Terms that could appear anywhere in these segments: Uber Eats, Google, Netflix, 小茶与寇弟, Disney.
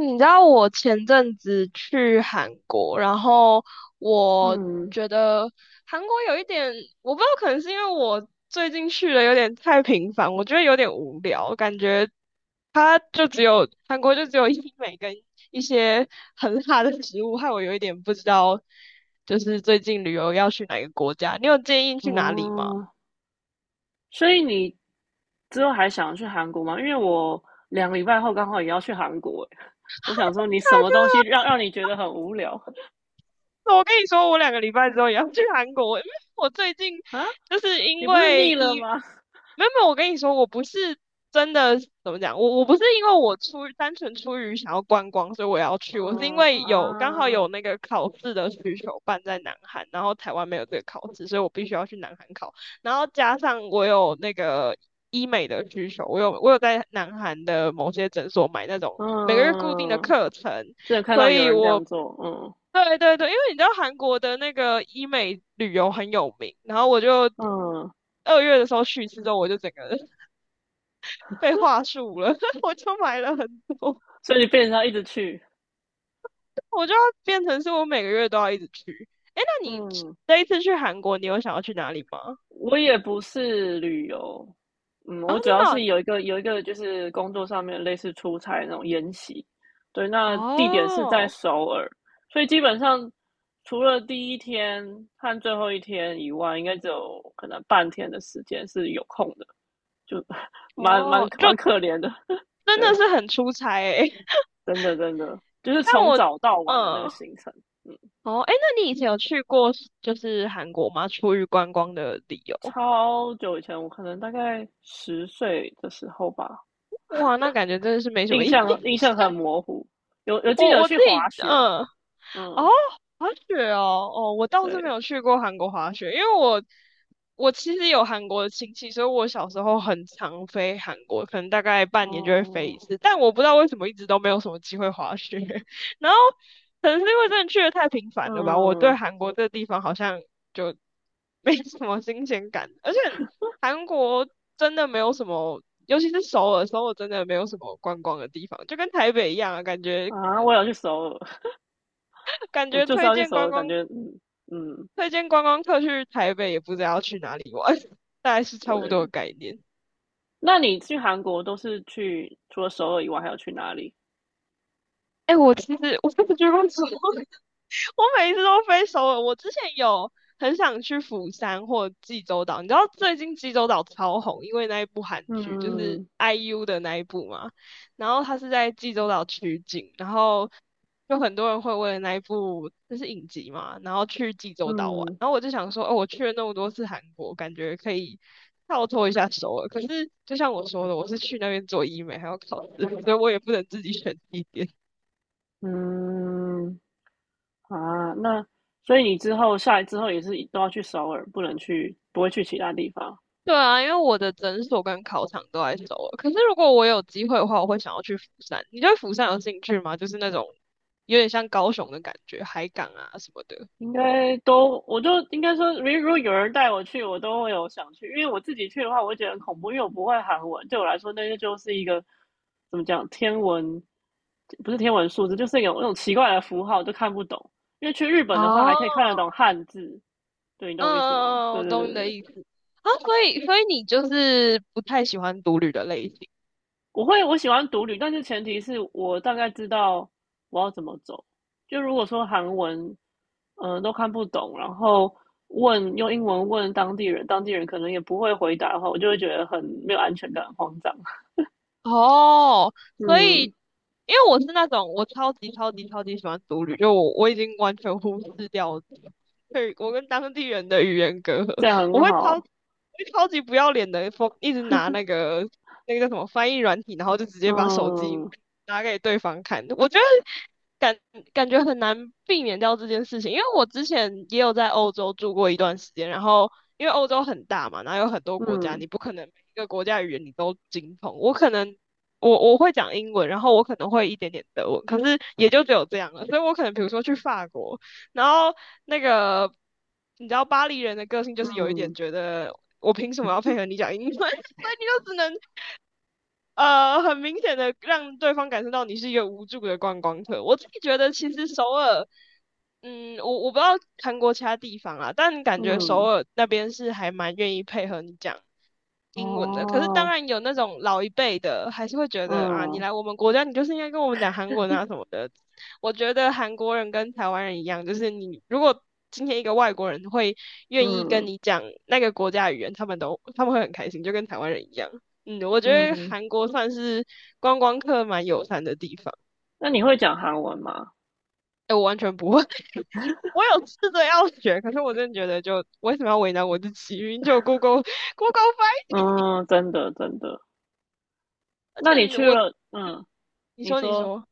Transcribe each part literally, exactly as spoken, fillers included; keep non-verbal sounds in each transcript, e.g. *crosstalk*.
你知道我前阵子去韩国，然后我嗯，觉得韩国有一点，我不知道，可能是因为我最近去的有点太频繁，我觉得有点无聊，感觉它就只有韩国就只有医美跟一些很辣的食物，害我有一点不知道，就是最近旅游要去哪个国家，你有建议去哪里吗？哦，所以你之后还想去韩国吗？因为我两个礼拜后刚好也要去韩国欸，我想说你什么东西让让你觉得很无聊我跟你说，我两个礼拜之后也要去韩国，因为我最近啊？就是因你不是为腻了医，吗？没有没有，我跟你说，我不是真的怎么讲，我我不是因为我出于单纯出于想要观光，所以我要去，我是因嗯为有刚好啊，有那个考试的需求办在南韩，然后台湾没有这个考试，所以我必须要去南韩考，然后加上我有那个医美的需求，我有我有在南韩的某些诊所买那种每个月固定的嗯，课程。真的看所到有以人这我样做，嗯对对对，因为你知道韩国的那个医美旅游很有名，然后我就嗯，二月的时候去一次之后，我就整个人 *laughs* 被话术了，*laughs* 我就买了很多，所以你变成要一直去，我就要变成是我每个月都要一直去。诶，那你嗯。这一次去韩国，你有想要去哪里吗？我也不是旅游，嗯，啊，我真主要是的有一个有一个就是工作上面类似出差那种研习，对，哦，那地点是在哦首尔，所以基本上除了第一天和最后一天以外，应该只有可能半天的时间是有空的，就 *laughs* 蛮蛮哦就蛮可怜的，*laughs* 真的对，是很出差诶。*laughs* 真的真的就是但从我，早到晚的那个嗯，行程，嗯，哦，诶，那你以前有去过就是韩国吗？出于观光的理由？超久以前，我可能大概十岁的时候吧，哇，那感觉真的是没什么印意义。象印象很模糊，有有记得我有我自去滑己，雪，嗯，哦，嗯，滑雪哦，哦，我倒是没对，有去过韩国滑雪，因为我我其实有韩国的亲戚，所以我小时候很常飞韩国，可能大概半年就会飞哦，一次，但我不知道为什么一直都没有什么机会滑雪，*laughs* 然后可能是因为真的去的太频繁了吧，我对嗯韩国这个地方好像就没什么新鲜感，而且韩国真的没有什么。尤其是首尔，首尔真的没有什么观光的地方，就跟台北一样啊，感觉啊，我有去首尔，*laughs* 感我觉就知推道去荐首观尔，感光觉嗯嗯，推荐观光客去台北，也不知道要去哪里玩，*laughs* 大概是差不多的对。概念。那你去韩国都是去除了首尔以外，还要去哪里？哎、我其实我真的觉得分手 *laughs* 我每一次都飞首尔。我之前有很想去釜山或济州岛，你知道最近济州岛超红，因为那一部韩剧就是 嗯 I U 的那一部嘛。然后他是在济州岛取景，然后就很多人会为了那一部就是影集嘛，然后去济州岛玩。嗯然后我就想说，哦，我去了那么多次韩国，感觉可以跳脱一下首尔。可是就像我说的，我是去那边做医美还要考试，所以我也不能自己选地点。嗯啊，那所以你之后下来之后也是都要去首尔，不能去不会去其他地方。对啊，因为我的诊所跟考场都在首尔。可是如果我有机会的话，我会想要去釜山。你对釜山有兴趣吗？就是那种有点像高雄的感觉，海港啊什么的。应该都，我就应该说，如如果有人带我去，我都会有想去，因为我自己去的话，我会觉得很恐怖，因为我不会韩文，对我来说，那个就是一个怎么讲，天文不是天文数字，就是有那种奇怪的符号，都看不懂。因为去日本的话，还可以哦，看得懂汉字，对，你懂我意思吗？嗯嗯嗯，对我对对懂你的对，意思。啊，所以所以你就是不太喜欢独旅的类型。我会我喜欢独旅，但是前提是我大概知道我要怎么走。就如果说韩文，嗯、都看不懂，然后问用英文问当地人，当地人可能也不会回答的话，我就会觉得很没有安全感，很慌张。*laughs* 哦，所以嗯，因为我是那种我超级超级超级喜欢独旅，就我我已经完全忽视掉对我跟当地人的语言隔阂，这样我很会超我好。会超级不要脸的，一直拿那个那个叫什么翻译软体，然后就直接把手机嗯拿给对方看。我觉得感感觉很难避免掉这件事情，因为我之前也有在欧洲住过一段时间，然后因为欧洲很大嘛，然后有很多国家，嗯你不可能每一个国家语言你都精通。我可能我我会讲英文，然后我可能会一点点德文，可是也就只有这样了。所以我可能比如说去法国，然后那个你知道巴黎人的个性就是有一嗯点觉得我凭什么要配合你讲英文，*laughs* 所以你就只能呃，很明显的让对方感受到你是一个无助的观光客。我自己觉得，其实首尔，嗯，我我不知道韩国其他地方啊，但感觉首嗯，尔那边是还蛮愿意配合你讲英文的，可是当哦，然有那种老一辈的，还是会觉得啊，你嗯来我们国家，你就是应该跟我们讲韩文啊什么的。我觉得韩国人跟台湾人一样，就是你如果今天一个外国人会愿意跟嗯你讲那个国家语言，他们都他们会很开心，就跟台湾人一样。嗯，我觉得嗯，韩国算是观光客蛮友善的地方。那你会讲韩文吗？*laughs* 哎，我完全不会，*laughs* 我有试着要学，可是我真的觉得就为什么要为难我自己？明明就有 Google Google 翻译，嗯，真的真的。而那你且去我，嗯了，嗯，你你说你说。说。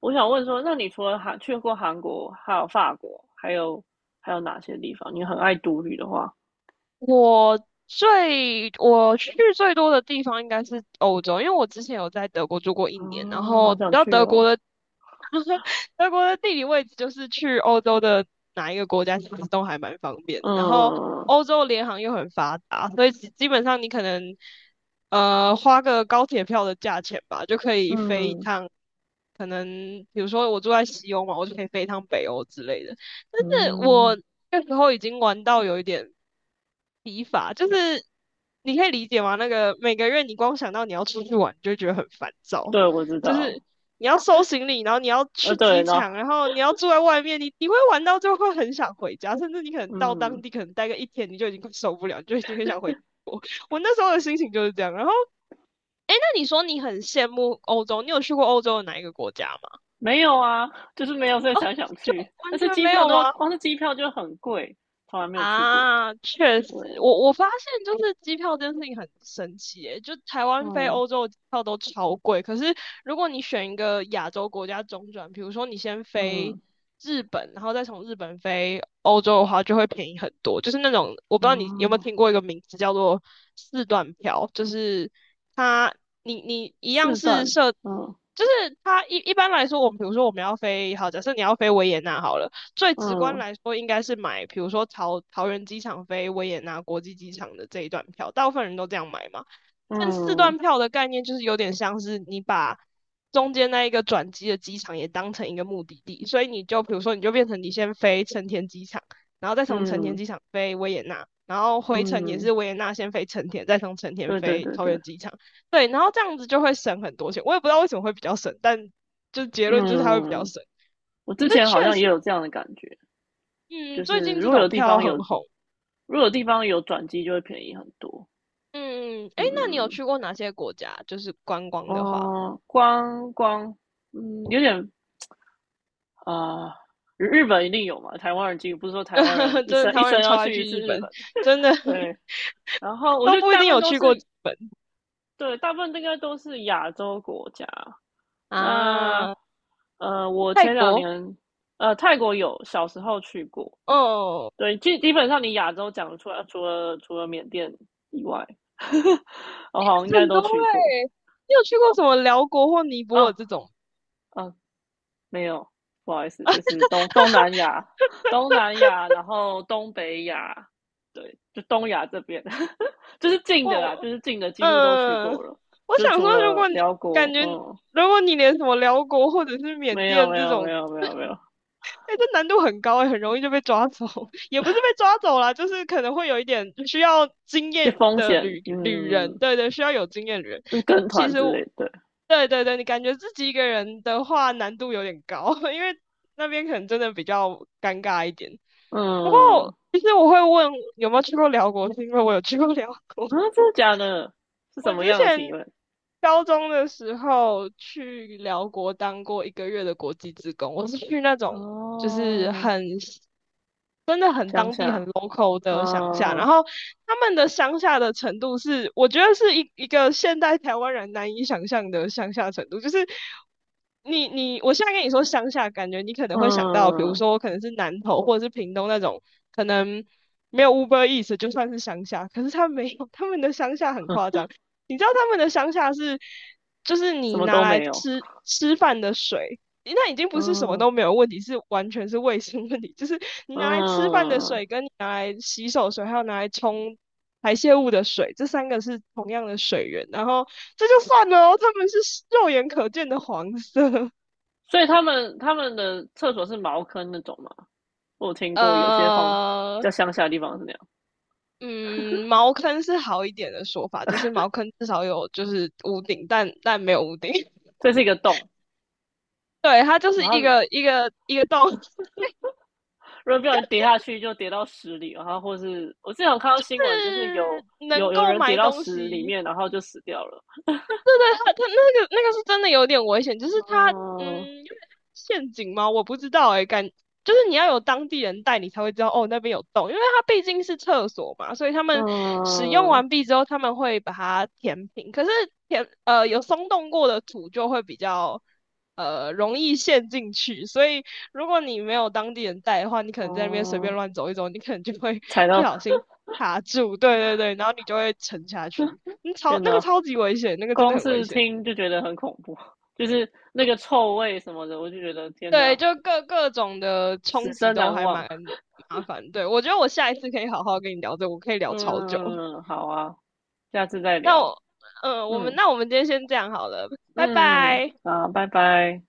我想问说，那你除了韩去过韩国，还有法国，还有还有哪些地方？你很爱独旅的话，我最我去最多的地方应该是欧洲，因为我之前有在德国住过一啊，年，然好后想然后去德国哦。的德国的地理位置就是去欧洲的哪一个国家其实都还蛮方便的，然后嗯欧洲联航又很发达，所以基基本上你可能呃花个高铁票的价钱吧，就可以飞一嗯趟。可能比如说我住在西欧嘛，我就可以飞一趟北欧之类的。但是嗯，我那时候已经玩到有一点疲乏，就是你可以理解吗？那个每个月你光想到你要出去玩，你就会觉得很烦躁，对，我知就道。是你要收行李，然后你要呃，去对，机然后场，然后你要住在外面，你你会玩到最后会很想回家，甚至你可能到当嗯，地可能待个一天，你就已经快受不了，你就已经很想回国。*laughs* 我那时候的心情就是这样。然后，那你说你很羡慕欧洲，你有去过欧洲的哪一个国家吗？没有啊，就是没有，所以才想就去。但完是全机没票有都吗？光是机票就很贵，从来没有去过。啊，确对，实，我我发现就是机票这件事情很神奇耶，就台湾飞嗯欧洲的机票都超贵，可是如果你选一个亚洲国家中转，比如说你先飞嗯日本，然后再从日本飞欧洲的话，就会便宜很多。就是那种我不知道你有没有啊，听过一个名字叫做四段票，就是它你你一样四是段，设，嗯就是它一一般来说，我们比如说我们要飞，好，假设你要飞维也纳好了。最直观嗯来说，应该是买，比如说桃桃园机场飞维也纳国际机场的这一段票，大部分人都这样买嘛。但四嗯段票的概念就是有点像是你把中间那一个转机的机场也当成一个目的地，所以你就比如说你就变成你先飞成田机场，然后再从成田嗯机场飞维也纳，然后回程也嗯，是维也纳先飞成田，再从成田对对飞对桃对。园机场。对，然后这样子就会省很多钱。我也不知道为什么会比较省，但就结论就是它会比较嗯，省。我之可是前好确像实。也有这样的感觉，就嗯，最是近这如果有种地票方有，很红。如果有地方有转机，就会便宜很多。嗯，诶，那你有嗯，去过哪些国家？就是观光的话，哦，光光，嗯，有点啊、呃日本一定有嘛，台湾人几乎不是说台湾人 *laughs* 一真的生一台湾生人要超爱去去一次日日本，本，*laughs* 真的 *laughs* 对。然后我都觉得不一大定部分有都去是过日本对，大部分应该都是亚洲国家。那啊。呃，我泰前两国，年呃泰国有小时候去过，哦，对，基基本上你亚洲讲得出来，除了除了缅甸以外，*laughs* 我好像应该很多都去过。诶，你有去过什么辽国或尼泊哦，尔这种？嗯，没有，不好意思，就是东东南亚、东南亚，然后东北亚，对，就东亚这边，*laughs* 就是近我，的啦，就我是近的几乎都去嗯，过了，我就是想除说，如了果你辽感国，觉，嗯，如果你连什么辽国或者是缅没有，甸没这有，没种有，没有，没有，哎、这难度很高哎、很容易就被抓走，*laughs* 也不是被抓走啦，就是可能会有一点需要经去验风的险，旅旅人，嗯，对对，需要有经验旅人。是跟其团实之我，类的，对对对，你感觉自己一个人的话难度有点高，*laughs* 因为那边可能真的比较尴尬一点。不过，嗯，其实我会问有没有去过辽国，是因为我有去过辽国。啊，真的假的？是什我么之样的体前验？高中的时候去辽国当过一个月的国际职工，我是去那种就是哦，很真的很乡当地很 下，local 的乡下，然嗯后他们的乡下的程度是，我觉得是一一个现代台湾人难以想象的乡下程度，就是你你我现在跟你说乡下，感觉你可能会想到，比如嗯，说我可能是南投或者是屏东那种，可能没有 Uber Eats 就算是乡下，可是他没有，他们的乡下很夸张，你知道他们的乡下是，就是什你么拿都来没有，吃吃饭的水，那已经不是什么嗯都没有问题，是完全是卫生问题。*laughs* 就是你拿来吃饭的嗯，水，跟你拿来洗手水，还有拿来冲排泄物的水，这三个是同样的水源。然后这就算了哦，他们是肉眼可见的黄色。所以他们他们的厕所是茅坑那种嘛？我有 *laughs* 听过有些荒比呃，较乡下的地方是那样，嗯，茅坑是好一点的说法，就是茅坑至少有就是屋顶，但但没有屋顶。*laughs* 这是一个洞，对，它就是然一后个一个一个洞，如果不小心跌下去就跌到屎里，然后或是我之前有看到新闻，就是有是能有有够人跌买到东屎里西，面，然后就死掉了，对，他他那个那个是真的有点危险，就是他嗯嗯，有点陷阱吗？我不知道哎、欸感就是你要有当地人带你才会知道哦，那边有洞，因为它毕竟是厕所嘛，所以他们使用嗯完毕之后，他们会把它填平。可是填呃有松动过的土就会比较呃容易陷进去，所以如果你没有当地人带的话，你可能在那边随便哦，乱走一走，你可能就会踩不到小心卡住，对对对，然后你就会沉下去。嗯超天那个哪，超级危险，那个真的光很危是险。听就觉得很恐怖，就是那个臭味什么的，我就觉得天对，哪，就各各种的此冲击生都难还忘。蛮麻烦。对，我觉得我下一次可以好好跟你聊这个我可以聊超久。嗯，好啊，下次再那聊。我，嗯、我们嗯那我们今天先这样好了，拜嗯嗯，拜。好，拜拜。